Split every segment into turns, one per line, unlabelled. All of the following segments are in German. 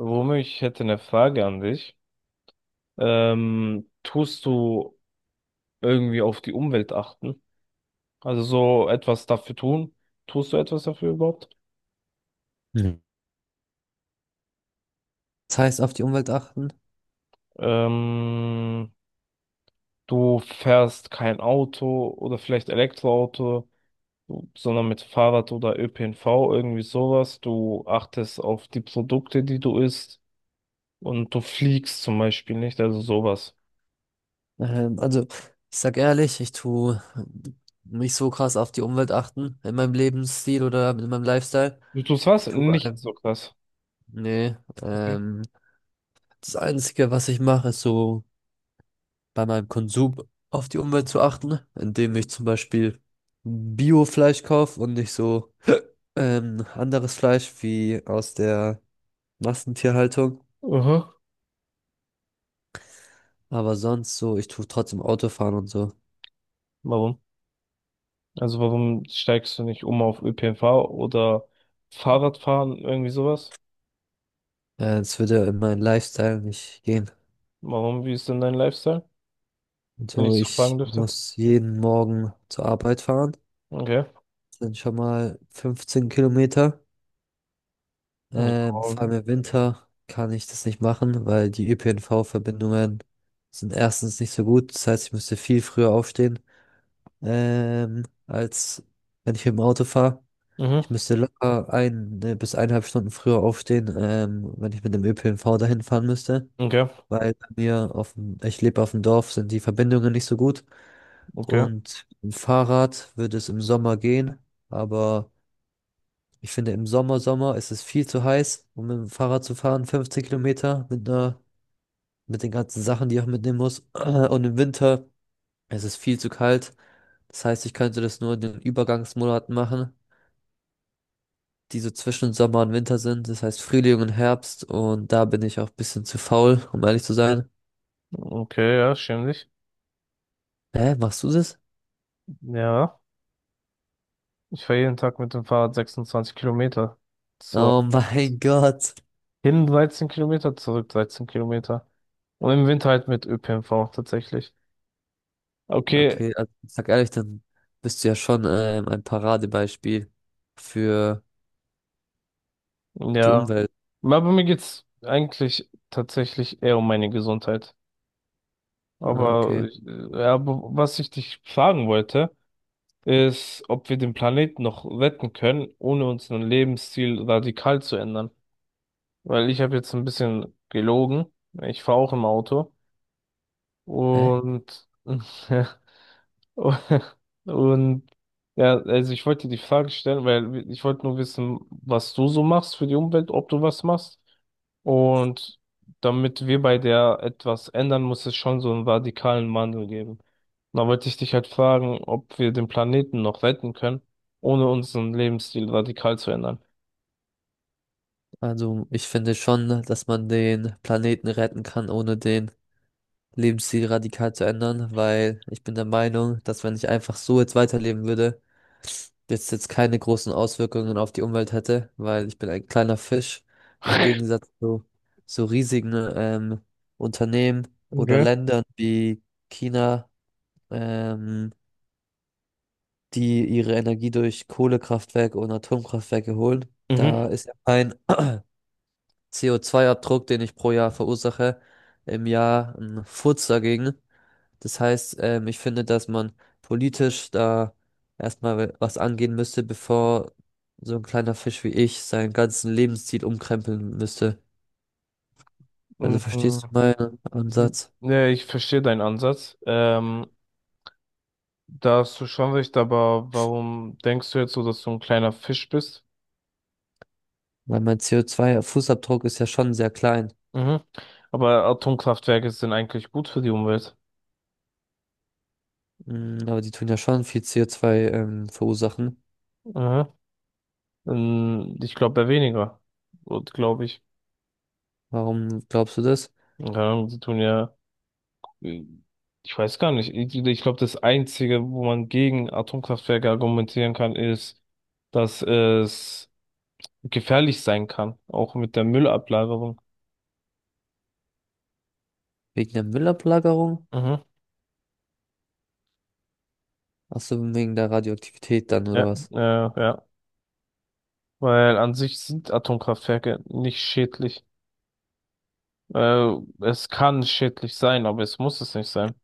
Romeo, ich hätte eine Frage an dich. Tust du irgendwie auf die Umwelt achten? Also so etwas dafür tun? Tust du etwas dafür überhaupt?
Mhm. Das heißt, auf die Umwelt achten.
Ähm, du fährst kein Auto oder vielleicht Elektroauto, sondern mit Fahrrad oder ÖPNV, irgendwie sowas. Du achtest auf die Produkte, die du isst, und du fliegst zum Beispiel nicht, also sowas.
Also, ich sag ehrlich, ich tue nicht so krass auf die Umwelt achten in meinem Lebensstil oder in meinem Lifestyle.
Du tust
Ich
was?
tue,
Nicht so krass.
nee,
Okay.
ähm, das Einzige, was ich mache, ist so bei meinem Konsum auf die Umwelt zu achten, indem ich zum Beispiel Bio-Fleisch kaufe und nicht so anderes Fleisch wie aus der Massentierhaltung.
Aha.
Aber sonst so, ich tue trotzdem Autofahren und so.
Warum? Also warum steigst du nicht um auf ÖPNV oder Fahrradfahren, irgendwie sowas?
Ja, das würde ja in meinen Lifestyle nicht gehen.
Warum, wie ist denn dein Lifestyle, wenn
So,
ich so fragen
ich
dürfte?
muss jeden Morgen zur Arbeit fahren.
Okay.
Das sind schon mal 15 Kilometer.
Ja,
Vor allem im Winter kann ich das nicht machen, weil die ÖPNV-Verbindungen sind erstens nicht so gut. Das heißt, ich müsste viel früher aufstehen, als wenn ich mit dem Auto fahre. Ich
mhm.
müsste locker ein bis eineinhalb Stunden früher aufstehen, wenn ich mit dem ÖPNV dahin fahren müsste.
Okay,
Weil bei mir auf dem, ich lebe auf dem Dorf, sind die Verbindungen nicht so gut
okay,
und mit dem Fahrrad würde es im Sommer gehen, aber ich finde im Sommer, Sommer ist es viel zu heiß, um mit dem Fahrrad zu fahren, 15 Kilometer mit einer, mit den ganzen Sachen, die ich auch mitnehmen muss und im Winter ist es viel zu kalt, das heißt, ich könnte das nur in den Übergangsmonaten machen, die so zwischen Sommer und Winter sind, das heißt Frühling und Herbst und da bin ich auch ein bisschen zu faul, um ehrlich zu sein.
okay, ja, schäm dich.
Hä, machst du das?
Ja, ich fahre jeden Tag mit dem Fahrrad 26 Kilometer. Zur
Oh mein Gott.
hin 13 Kilometer, zurück 13 Kilometer. Und im Winter halt mit ÖPNV tatsächlich. Okay,
Okay, also ich sag ehrlich, dann bist du ja schon ein Paradebeispiel für die
ja.
Umwelt.
Aber mir geht's eigentlich tatsächlich eher um meine Gesundheit.
Ah, okay.
Aber was ich dich fragen wollte, ist, ob wir den Planeten noch retten können, ohne unseren Lebensstil radikal zu ändern. Weil ich habe jetzt ein bisschen gelogen. Ich fahre auch im Auto.
Hä?
Und und ja, also ich wollte dir die Frage stellen, weil ich wollte nur wissen, was du so machst für die Umwelt, ob du was machst. Und damit wir bei der etwas ändern, muss es schon so einen radikalen Wandel geben. Und da wollte ich dich halt fragen, ob wir den Planeten noch retten können, ohne unseren Lebensstil radikal zu ändern.
Also ich finde schon, dass man den Planeten retten kann, ohne den Lebensstil radikal zu ändern, weil ich bin der Meinung, dass wenn ich einfach so jetzt weiterleben würde, jetzt keine großen Auswirkungen auf die Umwelt hätte, weil ich bin ein kleiner Fisch im Gegensatz zu so riesigen Unternehmen oder
Okay.
Ländern wie China. Ähm, Die ihre Energie durch Kohlekraftwerke und Atomkraftwerke holen. Da
Mhm.
ist ja mein CO2-Abdruck, den ich pro Jahr verursache, im Jahr ein Furz dagegen. Das heißt, ich finde, dass man politisch da erstmal was angehen müsste, bevor so ein kleiner Fisch wie ich seinen ganzen Lebensstil umkrempeln müsste. Also verstehst
Mhm.
du meinen
Die-
Ansatz?
Ne, ich verstehe deinen Ansatz. Da hast du schon recht, aber warum denkst du jetzt so, dass du ein kleiner Fisch bist?
Weil mein CO2-Fußabdruck ist ja schon sehr klein.
Mhm. Aber Atomkraftwerke sind eigentlich gut für die Umwelt.
Aber die tun ja schon viel CO2, verursachen.
Mhm. Ich glaube, eher weniger. Und glaube ich.
Warum glaubst du das?
Keine Ahnung, sie tun ja, äh, ich weiß gar nicht. Ich glaube, das Einzige, wo man gegen Atomkraftwerke argumentieren kann, ist, dass es gefährlich sein kann. Auch mit der Müllablagerung.
Wegen der Müllablagerung?
Mhm.
Ach so, wegen der Radioaktivität dann, oder
Ja,
was?
ja. Weil an sich sind Atomkraftwerke nicht schädlich. Äh, Es kann schädlich sein, aber es muss es nicht sein.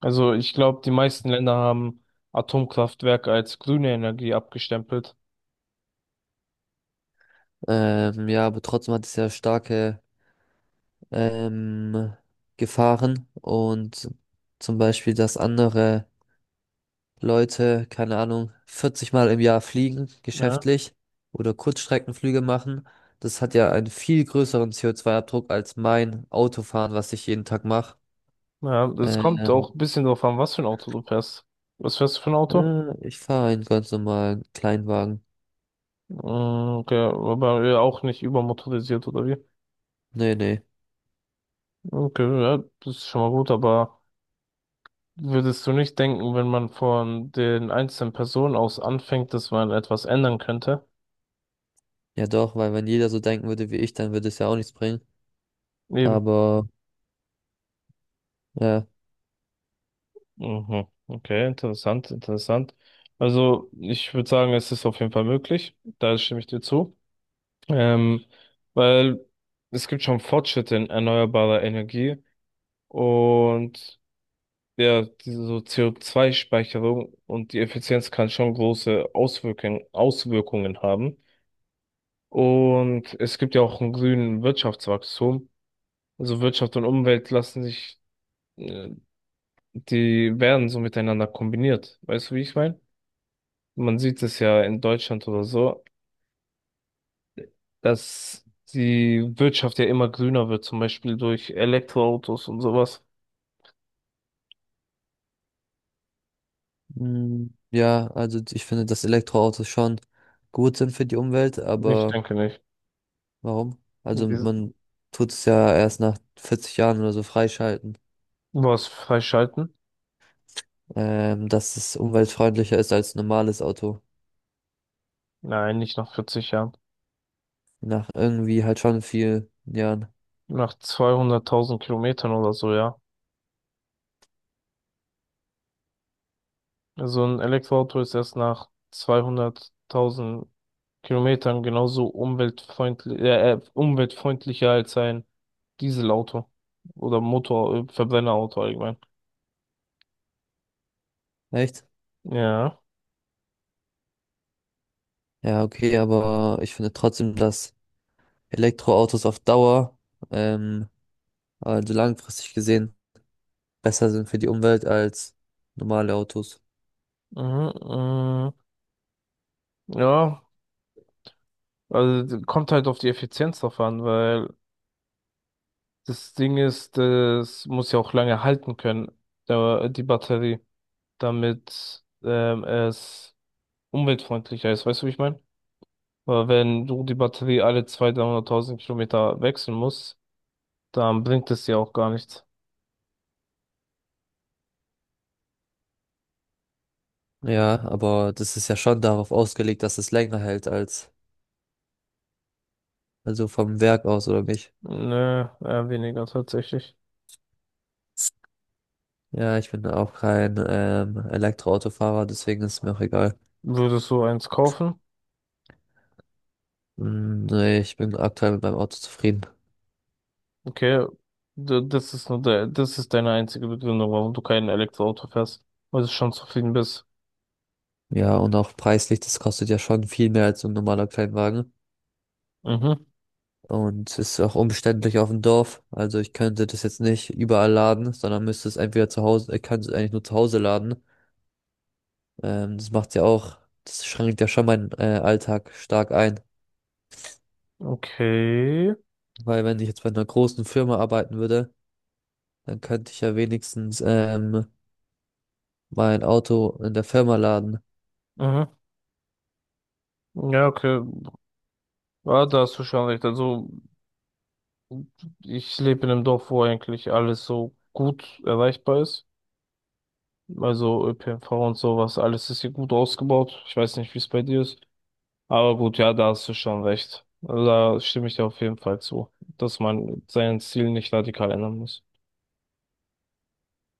Also ich glaube, die meisten Länder haben Atomkraftwerke als grüne Energie abgestempelt.
Ja, aber trotzdem hat es ja starke ähm, Gefahren und zum Beispiel, dass andere Leute, keine Ahnung, 40 Mal im Jahr fliegen,
Ja.
geschäftlich oder Kurzstreckenflüge machen. Das hat ja einen viel größeren CO2-Abdruck als mein Autofahren, was ich jeden Tag mache.
Ja, das kommt
Ähm,
auch ein bisschen drauf an, was für ein Auto du fährst. Was fährst du für ein Auto?
ich fahre einen ganz normalen Kleinwagen.
Mm, okay, aber ja, auch nicht übermotorisiert oder wie?
Nee, nee.
Okay, ja, das ist schon mal gut, aber würdest du nicht denken, wenn man von den einzelnen Personen aus anfängt, dass man etwas ändern könnte?
Ja doch, weil wenn jeder so denken würde wie ich, dann würde es ja auch nichts bringen.
Eben.
Aber ja,
Mhm. Okay, interessant, interessant. Also ich würde sagen, es ist auf jeden Fall möglich. Da stimme ich dir zu. Ähm, weil es gibt schon Fortschritte in erneuerbarer Energie, und ja, diese so co zwei speicherung und die Effizienz kann schon große Auswirkungen haben. Und es gibt ja auch einen grünen Wirtschaftswachstum. Also Wirtschaft und Umwelt lassen sich, äh, die werden so miteinander kombiniert. Weißt du, wie ich meine? Man sieht es ja in Deutschland oder so, dass die Wirtschaft ja immer grüner wird, zum Beispiel durch Elektroautos und sowas.
ja, also ich finde, dass Elektroautos schon gut sind für die Umwelt,
Ich
aber
denke nicht.
warum? Also
Wir-
man tut es ja erst nach 40 Jahren oder so freischalten,
Was freischalten?
dass es umweltfreundlicher ist als ein normales Auto.
Nein, nicht nach 40 Jahren.
Nach irgendwie halt schon vielen Jahren.
Nach 200.000 Kilometern oder so, ja. Also ein Elektroauto ist erst nach 200.000 Kilometern genauso umweltfreundlich, umweltfreundlicher als ein Dieselauto oder Motor, Verbrennerauto allgemein.
Echt?
Ja.
Ja, okay, aber ich finde trotzdem, dass Elektroautos auf Dauer, ähm, also langfristig gesehen, besser sind für die Umwelt als normale Autos.
Mhm, mh. Ja, also kommt halt auf die Effizienz drauf an, weil das Ding ist, das muss ja auch lange halten können, die Batterie, damit es umweltfreundlicher ist. Weißt du, wie ich meine? Weil wenn du die Batterie alle 200.000, 300.000 Kilometer wechseln musst, dann bringt es dir auch gar nichts.
Ja, aber das ist ja schon darauf ausgelegt, dass es länger hält als, also vom Werk aus oder nicht.
Nö, eher weniger tatsächlich.
Ja, ich bin auch kein Elektroautofahrer, deswegen ist es mir auch egal.
Würdest du eins kaufen?
Nee, ich bin aktuell mit meinem Auto zufrieden.
Okay, das ist nur das ist deine einzige Begründung, warum du kein Elektroauto fährst, weil du schon zufrieden bist.
Ja, und auch preislich, das kostet ja schon viel mehr als so ein normaler Kleinwagen.
Mhm,
Und ist auch umständlich auf dem Dorf. Also ich könnte das jetzt nicht überall laden, sondern müsste es entweder zu Hause, ich kann es eigentlich nur zu Hause laden. Das macht's ja auch, das schränkt ja schon meinen Alltag stark ein.
okay.
Weil wenn ich jetzt bei einer großen Firma arbeiten würde, dann könnte ich ja wenigstens mein Auto in der Firma laden.
Mhm. Ja, okay. Ja, da hast du schon recht. Also, ich lebe in einem Dorf, wo eigentlich alles so gut erreichbar ist. Also ÖPNV und sowas, alles ist hier gut ausgebaut. Ich weiß nicht, wie es bei dir ist. Aber gut, ja, da hast du schon recht. Also, da stimme ich dir auf jeden Fall zu, dass man sein Ziel nicht radikal ändern muss.